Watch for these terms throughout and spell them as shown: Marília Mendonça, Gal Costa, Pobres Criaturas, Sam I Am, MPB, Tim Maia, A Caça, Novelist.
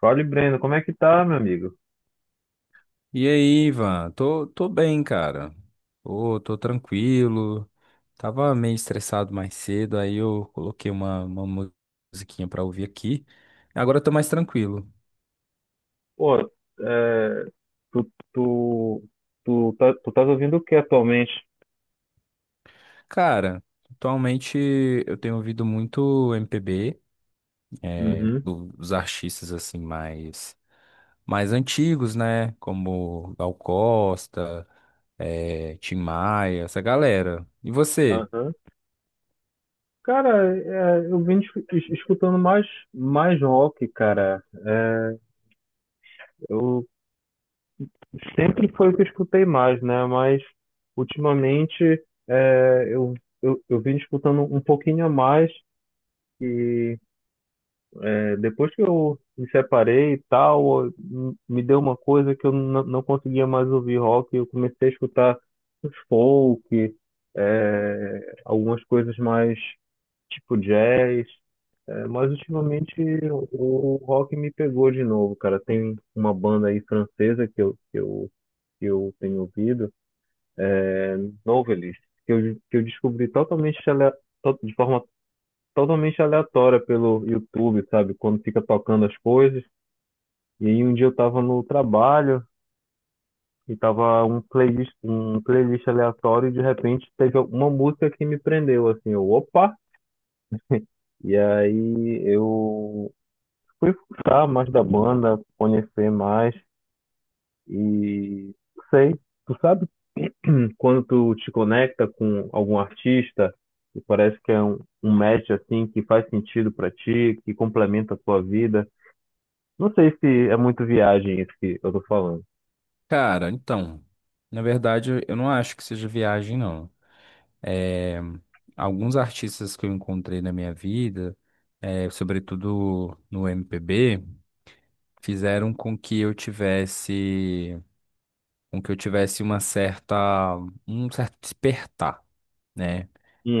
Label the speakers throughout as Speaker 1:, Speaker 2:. Speaker 1: Fala, Breno, como é que tá, meu amigo?
Speaker 2: E aí, Ivan? Tô bem, cara. Tô tranquilo. Tava meio estressado mais cedo, aí eu coloquei uma musiquinha pra ouvir aqui. Agora eu tô mais tranquilo.
Speaker 1: Pô, é, tu, tu, tu tá ouvindo o que atualmente?
Speaker 2: Cara, atualmente eu tenho ouvido muito MPB,
Speaker 1: Uhum,
Speaker 2: dos artistas assim mais antigos, né? Como Gal Costa, Tim Maia, essa galera. E você?
Speaker 1: aham. Cara, eu vim escutando mais rock, cara. Eu sempre foi o que eu escutei mais, né? Mas ultimamente é, eu, eu vim escutando um pouquinho a mais. Depois que eu me separei e tal, me deu uma coisa que eu não conseguia mais ouvir rock. Eu comecei a escutar os folk, algumas coisas mais tipo jazz. Mas ultimamente o, o rock me pegou de novo, cara. Tem uma banda aí francesa que eu tenho ouvido, Novelist, que eu descobri de forma totalmente aleatória pelo YouTube, sabe? Quando fica tocando as coisas. E aí um dia eu tava no trabalho e tava um playlist aleatório e de repente teve uma música que me prendeu, assim, eu, opa! E aí eu fui buscar mais da banda, conhecer mais e sei, tu sabe quando tu te conecta com algum artista e parece que é um match assim que faz sentido pra ti, que complementa a tua vida. Não sei se é muito viagem isso que eu tô falando.
Speaker 2: Cara, então, na verdade, eu não acho que seja viagem, não. É, alguns artistas que eu encontrei na minha vida, é, sobretudo no MPB, fizeram com que eu tivesse uma certa, um certo despertar, né?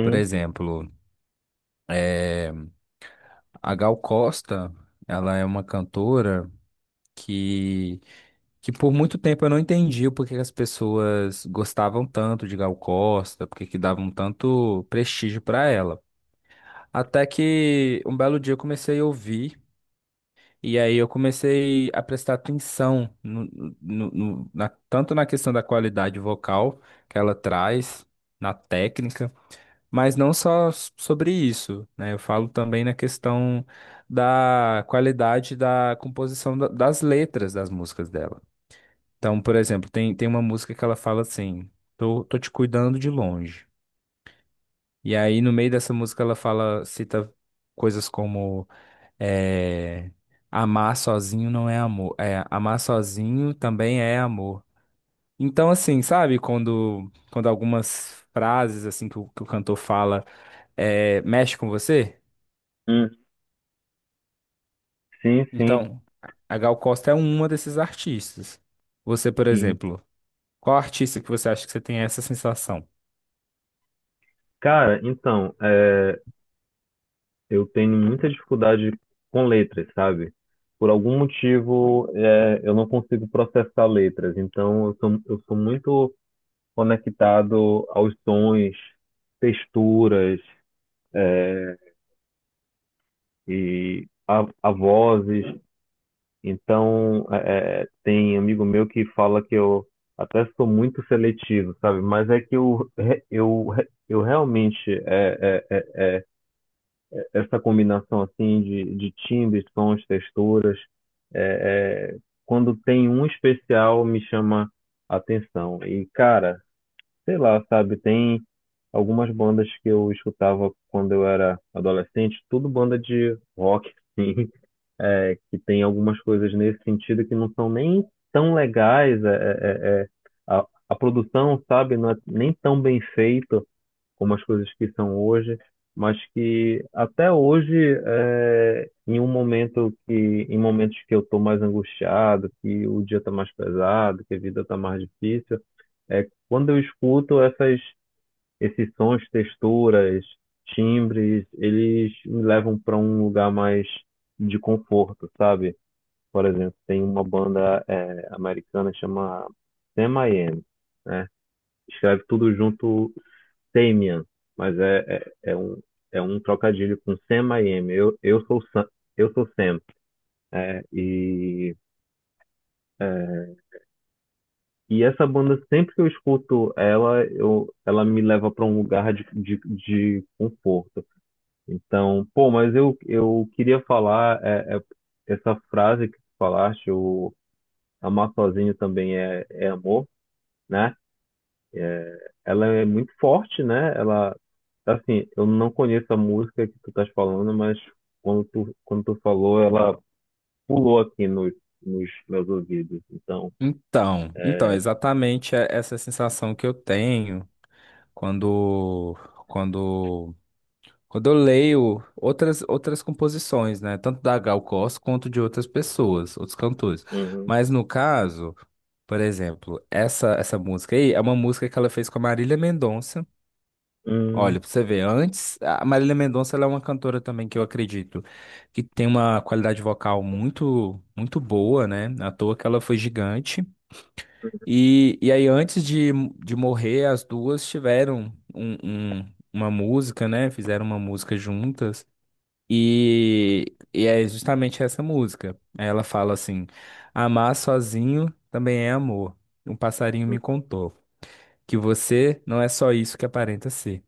Speaker 2: Por exemplo, é, a Gal Costa, ela é uma cantora que que por muito tempo eu não entendi o porquê que as pessoas gostavam tanto de Gal Costa, porque que davam tanto prestígio pra ela. Até que um belo dia eu comecei a ouvir, e aí eu comecei a prestar atenção na tanto na questão da qualidade vocal que ela traz, na técnica, mas não só sobre isso, né? Eu falo também na questão da qualidade da composição das letras das músicas dela. Então, por exemplo, tem uma música que ela fala assim: tô te cuidando de longe. E aí, no meio dessa música, ela fala, cita coisas como é, amar sozinho não é amor. É, amar sozinho também é amor. Então, assim, sabe, quando algumas frases assim que o cantor fala mexe com você?
Speaker 1: Uhum. Sim, sim.
Speaker 2: Então, a Gal Costa é uma desses artistas. Você, por
Speaker 1: Sim.
Speaker 2: exemplo, qual artista que você acha que você tem essa sensação?
Speaker 1: Cara, então, eu tenho muita dificuldade com letras, sabe? Por algum motivo, eu não consigo processar letras. Então, eu sou muito conectado aos sons, texturas e a vozes. Então, tem amigo meu que fala que eu até sou muito seletivo, sabe? Mas é que eu realmente é, é, essa combinação assim de timbres, sons, texturas. É, é, Quando tem um especial, me chama a atenção. E, cara, sei lá, sabe, tem algumas bandas que eu escutava quando eu era adolescente, tudo banda de rock, assim, que tem algumas coisas nesse sentido que não são nem tão legais, a produção, sabe, não é nem tão bem feita, como as coisas que são hoje, mas que até hoje, em um momento em momentos que eu estou mais angustiado, que o dia está mais pesado, que a vida está mais difícil, é quando eu escuto esses sons, texturas, timbres, eles me levam para um lugar mais de conforto, sabe? Por exemplo, tem uma banda americana que chama Sam I Am, né? Escreve tudo junto Damien, mas é, é um, é um trocadilho com Sam I Am. Eu sou Sam, eu sou Sam. É, e, é, e essa banda, sempre que eu escuto ela, eu, ela me leva para um lugar de conforto. Então, pô, mas eu queria falar essa frase que tu falaste, o amar sozinho também é amor, né? Ela é muito forte, né? Ela, assim, eu não conheço a música que tu estás falando, mas quando tu falou, ela pulou aqui nos meus ouvidos. Então,
Speaker 2: Então, então, exatamente é essa sensação que eu tenho quando quando quando eu leio outras composições, né, tanto da Gal Costa quanto de outras pessoas, outros cantores.
Speaker 1: uhum,
Speaker 2: Mas no caso, por exemplo, essa música aí é uma música que ela fez com a Marília Mendonça. Olha,
Speaker 1: uhum,
Speaker 2: pra você ver, antes, a Marília Mendonça ela é uma cantora também que eu acredito que tem uma qualidade vocal muito boa, né? À toa que ela foi gigante. E aí, antes de morrer, as duas tiveram uma música, né? Fizeram uma música juntas. E é justamente essa música. Aí ela fala assim: amar sozinho também é amor. Um passarinho me contou que você não é só isso que aparenta ser.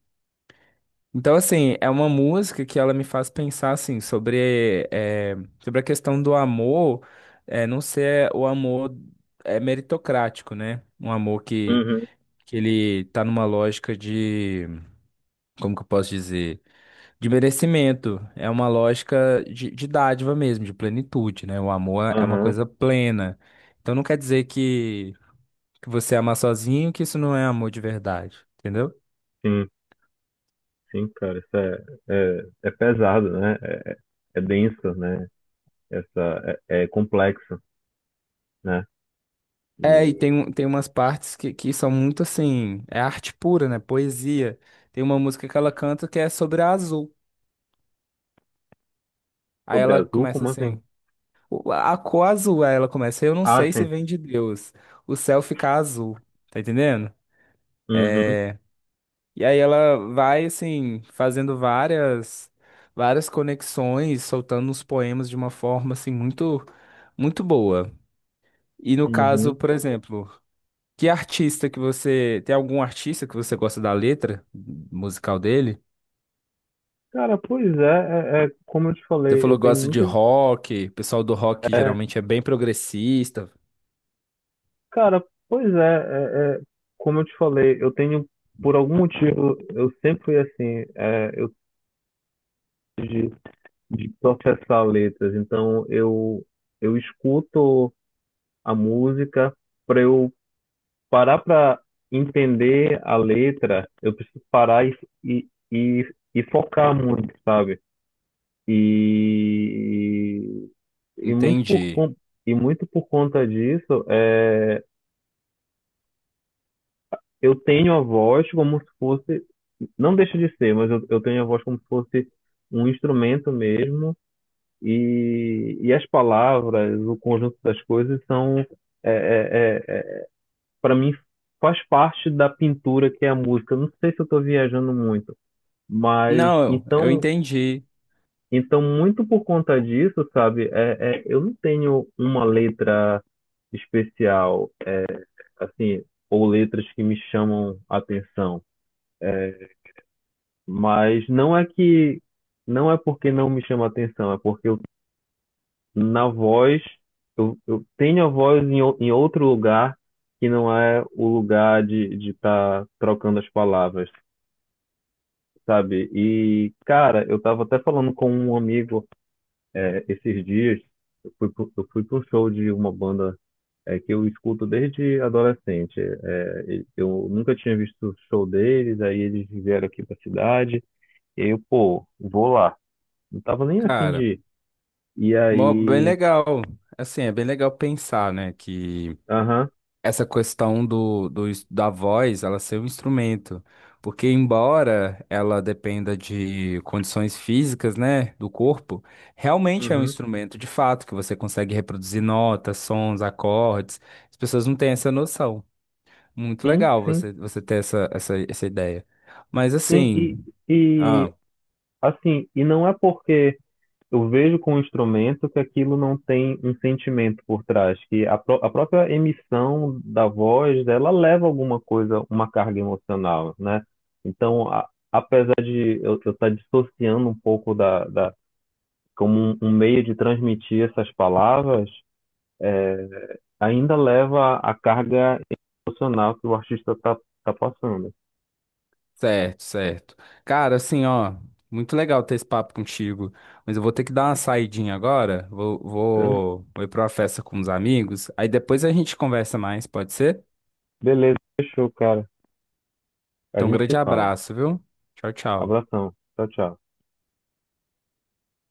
Speaker 2: Então, assim, é uma música que ela me faz pensar assim, sobre, sobre a questão do amor, não ser o amor é meritocrático, né? Um amor que
Speaker 1: uhum,
Speaker 2: ele tá numa lógica de, como que eu posso dizer? De merecimento. É uma lógica de dádiva mesmo, de plenitude, né? O amor é uma
Speaker 1: aham,
Speaker 2: coisa plena. Então não quer dizer que você ama sozinho, que isso não é amor de verdade, entendeu?
Speaker 1: sim, sim, cara, isso é pesado, né? É, é denso, né? É complexo, né?
Speaker 2: É, e tem,
Speaker 1: E
Speaker 2: tem umas partes que são muito assim, é arte pura, né? Poesia. Tem uma música que ela canta que é sobre a azul. Aí
Speaker 1: sobre
Speaker 2: ela
Speaker 1: azul,
Speaker 2: começa
Speaker 1: como assim?
Speaker 2: assim, a cor azul, aí ela começa, eu não
Speaker 1: Ah,
Speaker 2: sei se
Speaker 1: sim,
Speaker 2: vem de Deus, o céu fica azul. Tá entendendo?
Speaker 1: uhum,
Speaker 2: É, e aí ela vai assim fazendo várias conexões, soltando os poemas de uma forma assim muito boa. E no caso,
Speaker 1: uhum.
Speaker 2: por exemplo, que artista que você tem algum artista que você gosta da letra musical dele?
Speaker 1: Cara, pois é, como eu te
Speaker 2: Você
Speaker 1: falei, eu
Speaker 2: falou que
Speaker 1: tenho
Speaker 2: gosta de
Speaker 1: muita
Speaker 2: rock, o pessoal do rock
Speaker 1: é,
Speaker 2: geralmente é bem progressista,
Speaker 1: cara, pois é, é, é, como eu te falei, eu tenho, por algum motivo, eu sempre fui assim, é, eu de, de processar letras, então eu escuto a música para eu parar para entender a letra, eu preciso parar e focar muito, sabe? E, e muito
Speaker 2: entendi.
Speaker 1: e muito por conta disso, é, eu tenho a voz como se fosse, não deixa de ser, mas eu tenho a voz como se fosse um instrumento mesmo, e as palavras, o conjunto das coisas são, é é é, para mim, faz parte da pintura que é a música. Não sei se eu estou viajando muito, mas
Speaker 2: Não, eu
Speaker 1: então,
Speaker 2: entendi,
Speaker 1: então muito por conta disso, sabe? Eu não tenho uma letra especial, assim, ou letras que me chamam a atenção. Mas não é que não é porque não me chama atenção, é porque eu, na voz eu tenho a voz em, em outro lugar que não é o lugar de estar trocando as palavras, sabe? E cara, eu tava até falando com um amigo esses dias, eu fui pro show de uma banda que eu escuto desde adolescente. É, eu nunca tinha visto o show deles, aí eles vieram aqui pra cidade, e eu, pô, vou lá. Não tava nem afim de
Speaker 2: cara.
Speaker 1: ir. E
Speaker 2: Bem
Speaker 1: aí,
Speaker 2: legal. Assim, é bem legal pensar, né, que
Speaker 1: aham,
Speaker 2: essa questão do, do, ins- da voz, ela ser um instrumento, porque embora ela dependa de condições físicas, né, do corpo, realmente é um
Speaker 1: uhum,
Speaker 2: instrumento de fato que você consegue reproduzir notas, sons, acordes. As pessoas não têm essa noção. Muito
Speaker 1: sim,
Speaker 2: legal
Speaker 1: sim,
Speaker 2: você ter essa ideia. Mas
Speaker 1: sim.
Speaker 2: assim, ah,
Speaker 1: E assim, e não é porque eu vejo com o instrumento que aquilo não tem um sentimento por trás, que a própria emissão da voz, ela leva alguma coisa, uma carga emocional, né? Então, apesar de eu estar dissociando um pouco da como um meio de transmitir essas palavras, é, ainda leva a carga emocional que o artista tá passando.
Speaker 2: certo, certo. Cara, assim, ó, muito legal ter esse papo contigo, mas eu vou ter que dar uma saidinha agora, vou,
Speaker 1: Então,
Speaker 2: vou, vou ir pra uma festa com uns amigos, aí depois a gente conversa mais, pode ser?
Speaker 1: beleza, fechou, cara. A
Speaker 2: Então, um
Speaker 1: gente se
Speaker 2: grande
Speaker 1: fala.
Speaker 2: abraço, viu? Tchau, tchau.
Speaker 1: Abração. Tchau, tchau.